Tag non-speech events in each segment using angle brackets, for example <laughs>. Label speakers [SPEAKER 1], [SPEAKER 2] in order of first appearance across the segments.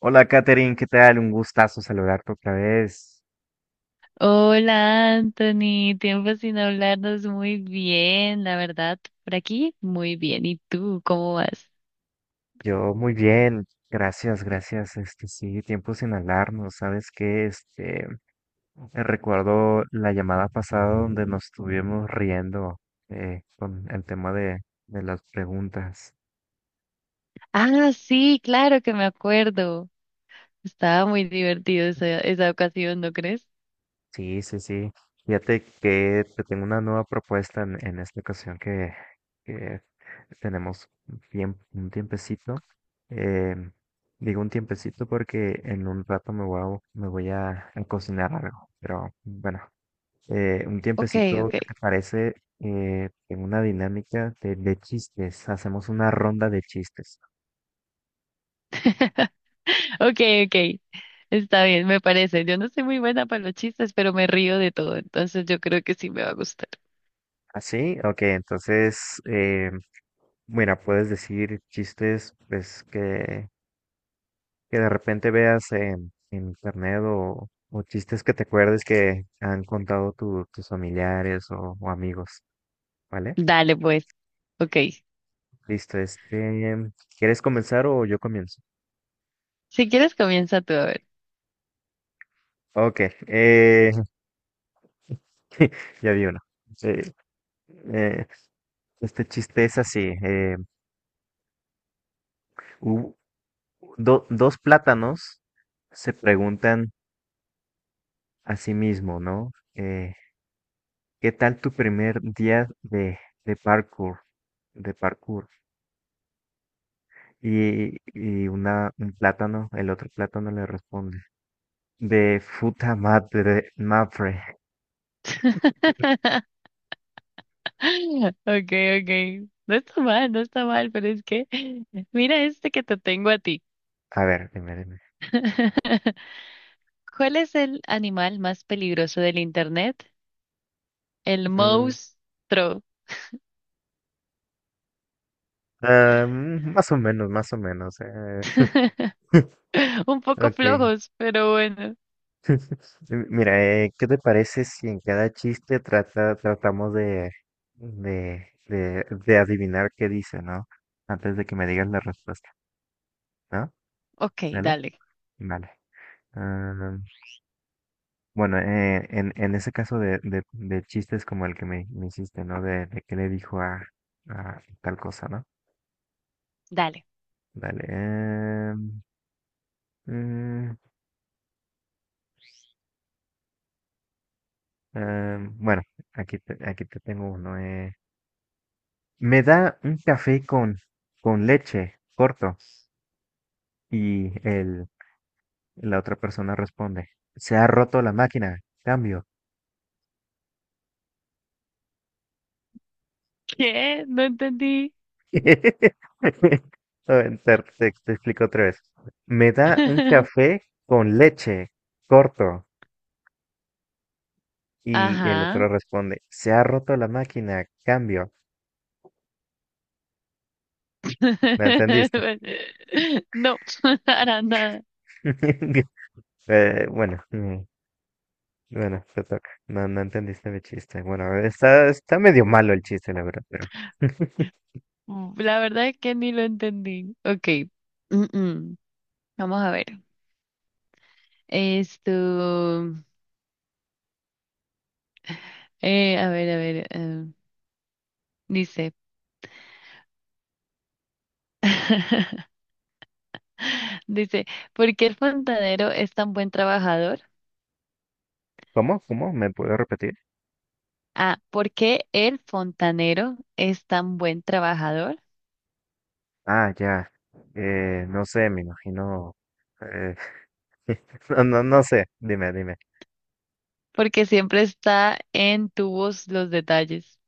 [SPEAKER 1] Hola, Katherine, ¿qué tal? Un gustazo saludarte otra vez.
[SPEAKER 2] Hola Anthony, tiempo sin hablarnos muy bien, la verdad, por aquí muy bien. ¿Y tú cómo vas?
[SPEAKER 1] Yo muy bien, gracias, gracias. Sí, tiempo sin hablarnos, ¿sabes qué? Recuerdo la llamada pasada donde nos estuvimos riendo con el tema de las preguntas.
[SPEAKER 2] Ah, sí, claro que me acuerdo. Estaba muy divertido esa ocasión, ¿no crees?
[SPEAKER 1] Sí, sí, sí. Fíjate que te tengo una nueva propuesta en esta ocasión que tenemos bien, un tiempecito. Eh, Digo un tiempecito porque en un rato me voy a cocinar algo. Pero bueno, un
[SPEAKER 2] Ok,
[SPEAKER 1] tiempecito,
[SPEAKER 2] ok.
[SPEAKER 1] ¿qué te parece? En una dinámica de chistes. Hacemos una ronda de chistes.
[SPEAKER 2] <laughs> Ok, ok. Está bien, me parece. Yo no soy muy buena para los chistes, pero me río de todo, entonces yo creo que sí me va a gustar.
[SPEAKER 1] ¿Así? Ok, entonces, bueno, puedes decir chistes, pues que de repente veas en internet o chistes que te acuerdes que han contado tus familiares o amigos, ¿vale?
[SPEAKER 2] Dale, pues, ok.
[SPEAKER 1] Listo, ¿quieres comenzar o yo comienzo?
[SPEAKER 2] Si quieres comienza tú a ver.
[SPEAKER 1] Ok, eh, <laughs> ya vi uno. Eh, eh, este chiste es así. Hu- Dos plátanos se preguntan a sí mismo, ¿no? ¿Qué tal tu primer día de parkour? De parkour. Un plátano, el otro plátano le responde, de futa madre, mapre.
[SPEAKER 2] <laughs> <laughs> Ok, ok. No está mal, no está mal, pero es que <laughs> mira este que te tengo a ti.
[SPEAKER 1] A ver, dime, dime.
[SPEAKER 2] <laughs> ¿Cuál es el animal más peligroso del internet? El
[SPEAKER 1] Mm,
[SPEAKER 2] monstruo.
[SPEAKER 1] Más o menos, más o menos.
[SPEAKER 2] <laughs>
[SPEAKER 1] <laughs>
[SPEAKER 2] Un poco
[SPEAKER 1] Ok.
[SPEAKER 2] flojos, pero bueno.
[SPEAKER 1] Mira, ¿qué te parece si en cada chiste tratamos de adivinar qué dice, ¿no? Antes de que me digas la respuesta, ¿no?
[SPEAKER 2] Ok,
[SPEAKER 1] ¿Vale?
[SPEAKER 2] dale,
[SPEAKER 1] Vale. Ah, Bueno, en ese caso de chistes como el que me hiciste, ¿no? De que le dijo a tal cosa, ¿no?
[SPEAKER 2] dale.
[SPEAKER 1] Dale. Mm, bueno, aquí te tengo uno. Me da un café con leche, corto. Y el, la otra persona responde, se ha roto la máquina, cambio.
[SPEAKER 2] ¿Qué? No entendí.
[SPEAKER 1] <laughs> A ver, te te explico otra vez. Me da un
[SPEAKER 2] <laughs>
[SPEAKER 1] café con leche, corto. Y el otro
[SPEAKER 2] Ajá.
[SPEAKER 1] responde, se ha roto la máquina, cambio. ¿Me entendiste?
[SPEAKER 2] <laughs> No, <laughs> para nada.
[SPEAKER 1] <laughs> Eh, bueno, mm, bueno, te toca. No, no entendiste mi chiste. Bueno, está, está medio malo el chiste, la verdad, pero. <laughs>
[SPEAKER 2] La verdad es que ni lo entendí. Ok. Mm, mm. Vamos a ver. Esto, a ver, dice, <laughs> dice, ¿por qué el fontanero es tan buen trabajador?
[SPEAKER 1] ¿Cómo? ¿Cómo? ¿Me puedo repetir?
[SPEAKER 2] Ah, ¿por qué el fontanero es tan buen trabajador?
[SPEAKER 1] Ah, ya. No sé, me imagino. eh, <laughs> no, no, no sé. Dime, dime.
[SPEAKER 2] Porque siempre está en tubos los detalles.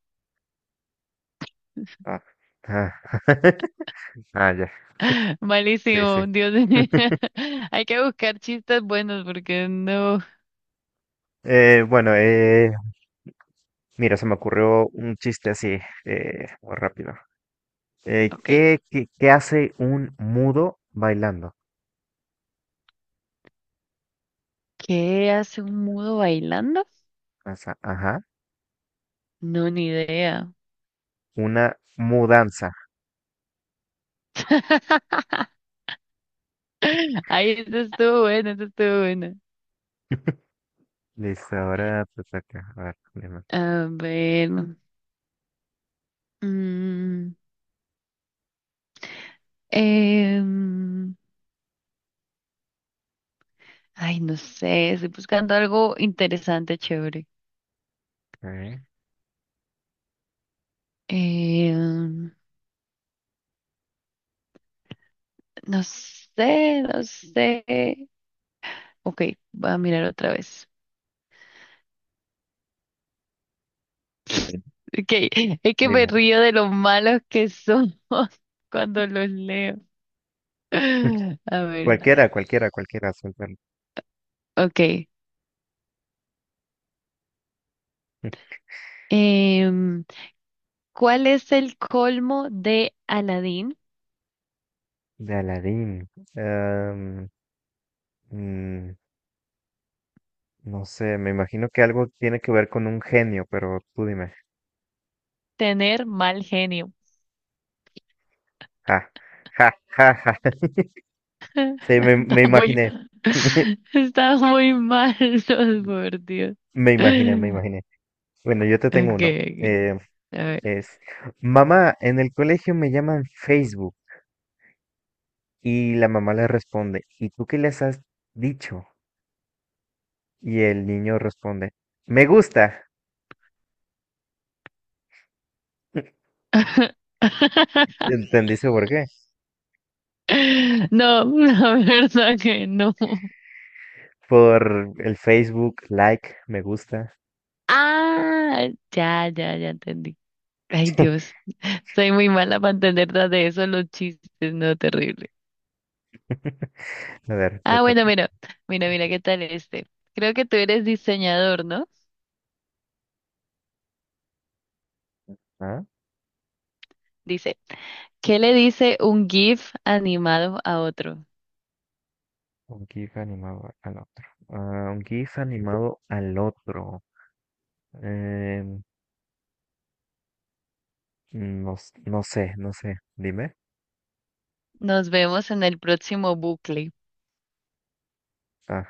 [SPEAKER 1] Ah, ah. <laughs> Ah, ya.
[SPEAKER 2] <laughs>
[SPEAKER 1] Sí, sí.
[SPEAKER 2] Malísimo, Dios mío.
[SPEAKER 1] <laughs>
[SPEAKER 2] <laughs> Hay que buscar chistes buenos porque no.
[SPEAKER 1] Eh, bueno, eh, Mira, se me ocurrió un chiste así, muy rápido.
[SPEAKER 2] Ok,
[SPEAKER 1] ¿Qué hace un mudo bailando?
[SPEAKER 2] ¿qué hace un mudo bailando?
[SPEAKER 1] Ajá,
[SPEAKER 2] No, ni idea.
[SPEAKER 1] una mudanza.
[SPEAKER 2] <laughs> <laughs> Ay, eso estuvo bueno, eso estuvo bueno.
[SPEAKER 1] <laughs> Listo, ahora te toca. A ver, dime.
[SPEAKER 2] A ver. mm, em, ay, no sé, estoy buscando algo interesante, chévere.
[SPEAKER 1] Ok.
[SPEAKER 2] Em, no sé, no sé. Ok, voy a mirar otra vez. Ok, <laughs> es que me
[SPEAKER 1] Dime.
[SPEAKER 2] río de lo malos que somos <laughs> cuando los leo.
[SPEAKER 1] <laughs>
[SPEAKER 2] <laughs> A ver,
[SPEAKER 1] Cualquiera, cualquiera, cualquiera, suéltalo.
[SPEAKER 2] ok.
[SPEAKER 1] <laughs>
[SPEAKER 2] Em, ¿Cuál es el colmo de Aladín?
[SPEAKER 1] De Aladín. Am, mm, no sé, me imagino que algo tiene que ver con un genio, pero tú dime.
[SPEAKER 2] Tener mal genio.
[SPEAKER 1] Ja, ja, ja, ja, sí,
[SPEAKER 2] <laughs> Está
[SPEAKER 1] me
[SPEAKER 2] muy,
[SPEAKER 1] imaginé. <laughs>
[SPEAKER 2] <laughs> está muy mal, <laughs> no, por Dios.
[SPEAKER 1] Me imaginé, me imaginé. Bueno, yo te tengo uno.
[SPEAKER 2] Okay, ok.
[SPEAKER 1] Eh,
[SPEAKER 2] A ver.
[SPEAKER 1] es, Mamá, en el colegio me llaman Facebook. Y la mamá le responde, ¿y tú qué les has dicho? Y el niño responde, me gusta. <laughs>
[SPEAKER 2] <laughs>
[SPEAKER 1] ¿Entendiste por qué?
[SPEAKER 2] No, la verdad que no.
[SPEAKER 1] Por el Facebook, like, me gusta.
[SPEAKER 2] Ah, ya, ya, ya entendí. Ay, Dios, soy muy mala para entender nada de eso, los chistes, no, terrible.
[SPEAKER 1] <laughs> A ver, te
[SPEAKER 2] Ah,
[SPEAKER 1] toca.
[SPEAKER 2] bueno, mira, mira, mira, ¿qué tal este? Creo que tú eres diseñador, ¿no?
[SPEAKER 1] Ah,
[SPEAKER 2] Dice, ¿qué le dice un GIF animado a otro?
[SPEAKER 1] un GIF animado al otro. Ah, un GIF animado al otro. No, no sé, no sé. Dime.
[SPEAKER 2] Nos vemos en el próximo bucle.
[SPEAKER 1] Ah,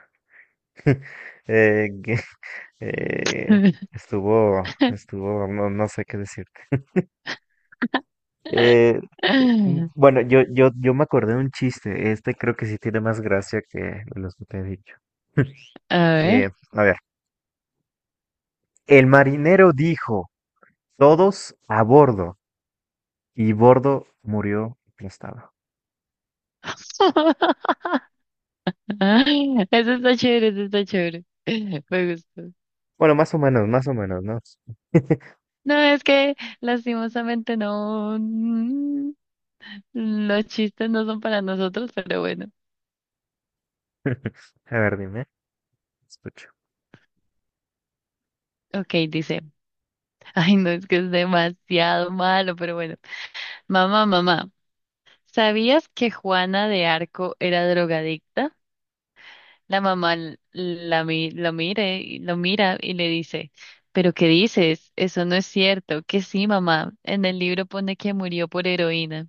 [SPEAKER 1] eh, que- <laughs> eh,
[SPEAKER 2] <laughs>
[SPEAKER 1] estuvo, estuvo, no, no sé qué decirte. Eh, bueno, yo me acordé de un chiste. Este creo que sí tiene más gracia que los que te he dicho.
[SPEAKER 2] A ver.
[SPEAKER 1] A ver, el marinero dijo, todos a bordo, y bordo murió aplastado.
[SPEAKER 2] <laughs> Eso está chévere, eso está chévere. Me gustó.
[SPEAKER 1] Bueno, más o menos, ¿no?
[SPEAKER 2] No, es que lastimosamente no. Los chistes no son para nosotros, pero bueno.
[SPEAKER 1] <laughs> A ver, dime, escucho.
[SPEAKER 2] Ok, dice. Ay, no, es que es demasiado malo, pero bueno. Mamá, mamá. ¿Sabías que Juana de Arco era drogadicta? La mamá lo lo mira y le dice, ¿pero qué dices? Eso no es cierto. Que sí, mamá. En el libro pone que murió por heroína.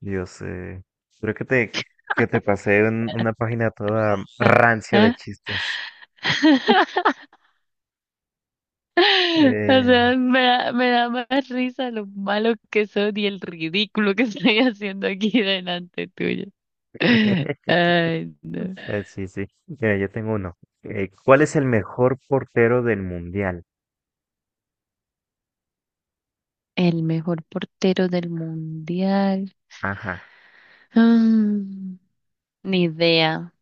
[SPEAKER 1] Yo sé. Creo que que te pasé una página toda
[SPEAKER 2] Ah,
[SPEAKER 1] rancia de
[SPEAKER 2] ah.
[SPEAKER 1] chistes.
[SPEAKER 2] <laughs> O
[SPEAKER 1] Eh,
[SPEAKER 2] sea, me da más risa lo malo que son y el ridículo que <laughs> estoy haciendo aquí delante tuyo. <laughs>
[SPEAKER 1] <laughs>
[SPEAKER 2] Ay, no.
[SPEAKER 1] sí, sí. Mira, yo tengo uno. ¿Cuál es el mejor portero del mundial?
[SPEAKER 2] El mejor portero del mundial.
[SPEAKER 1] Ajá.
[SPEAKER 2] Mm, ni idea.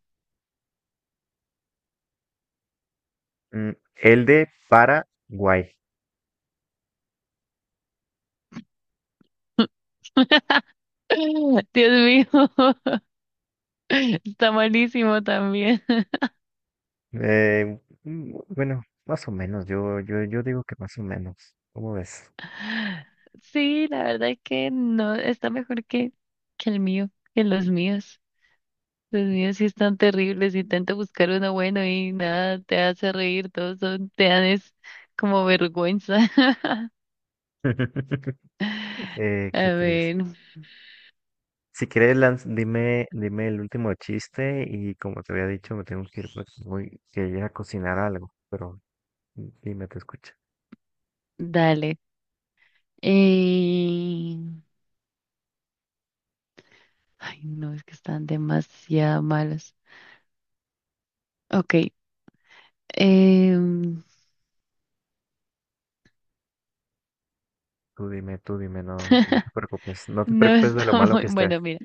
[SPEAKER 1] Mm, el de Paraguay.
[SPEAKER 2] <laughs> Dios mío, <laughs> está malísimo también. <laughs>
[SPEAKER 1] Bueno, más o menos. Yo digo que más o menos. ¿Cómo ves?
[SPEAKER 2] Sí, la verdad es que no, que el mío, que los míos. Los míos sí están terribles, intento buscar uno bueno y nada, te hace reír, todos son, te dan es como vergüenza. <laughs>
[SPEAKER 1] <laughs>
[SPEAKER 2] A
[SPEAKER 1] Qué triste.
[SPEAKER 2] ver,
[SPEAKER 1] Si quieres, dime, dime el último chiste y como te había dicho, me tengo que ir porque voy que ir a cocinar algo, pero dime, te escucha.
[SPEAKER 2] dale. Eh, Ay, no, es que están demasiado malos. Ok, em,
[SPEAKER 1] Tú dime, no, no te
[SPEAKER 2] <laughs>
[SPEAKER 1] preocupes, no te
[SPEAKER 2] no
[SPEAKER 1] preocupes de lo
[SPEAKER 2] está
[SPEAKER 1] malo
[SPEAKER 2] muy
[SPEAKER 1] que esté.
[SPEAKER 2] bueno, mira.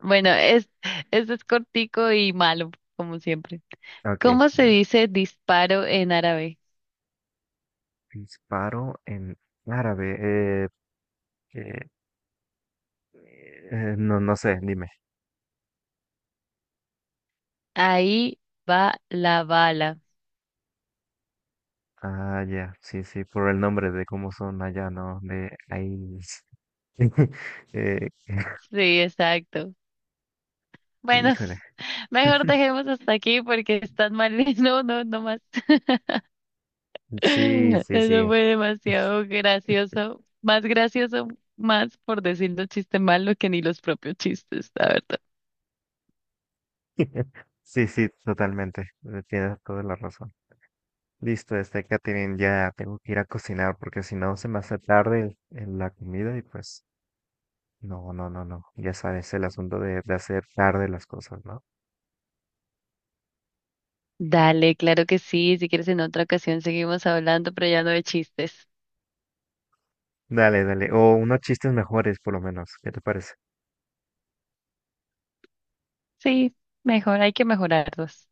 [SPEAKER 2] Bueno, es, este es cortico y malo, como siempre.
[SPEAKER 1] Ok,
[SPEAKER 2] ¿Cómo se dice disparo en árabe?
[SPEAKER 1] disparo en árabe, eh, no, no sé, dime.
[SPEAKER 2] Ahí va la bala.
[SPEAKER 1] Ah, ya, sí, sí, por el nombre de cómo son allá, ¿no? De ahí. <laughs> eh, <laughs>
[SPEAKER 2] Sí, exacto. Bueno,
[SPEAKER 1] híjole.
[SPEAKER 2] <laughs> mejor
[SPEAKER 1] <laughs>
[SPEAKER 2] dejemos hasta aquí porque están mal. <laughs> No, no, no más. <laughs>
[SPEAKER 1] Sí, sí,
[SPEAKER 2] Eso
[SPEAKER 1] sí.
[SPEAKER 2] fue
[SPEAKER 1] <laughs>
[SPEAKER 2] demasiado gracioso. Más gracioso, más por decir los chistes malos que ni los propios chistes, la verdad.
[SPEAKER 1] <laughs> Sí, sí, totalmente. Tienes toda la razón. Listo, este Katherine, ya tengo que ir a cocinar porque si no se me hace tarde la comida y pues no, no, no, no. Ya sabes, el asunto de hacer tarde las cosas, ¿no?
[SPEAKER 2] Dale, claro que sí. Si quieres en otra ocasión seguimos hablando, pero ya no de chistes.
[SPEAKER 1] Dale, dale. O unos chistes mejores por lo menos. ¿Qué te parece?
[SPEAKER 2] Sí, mejor, hay que mejorarlos.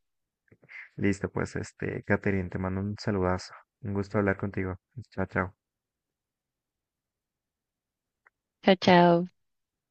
[SPEAKER 1] Listo, pues este Katherine, te mando un saludazo. Un gusto hablar contigo. Chao, chao.
[SPEAKER 2] Chao, chao.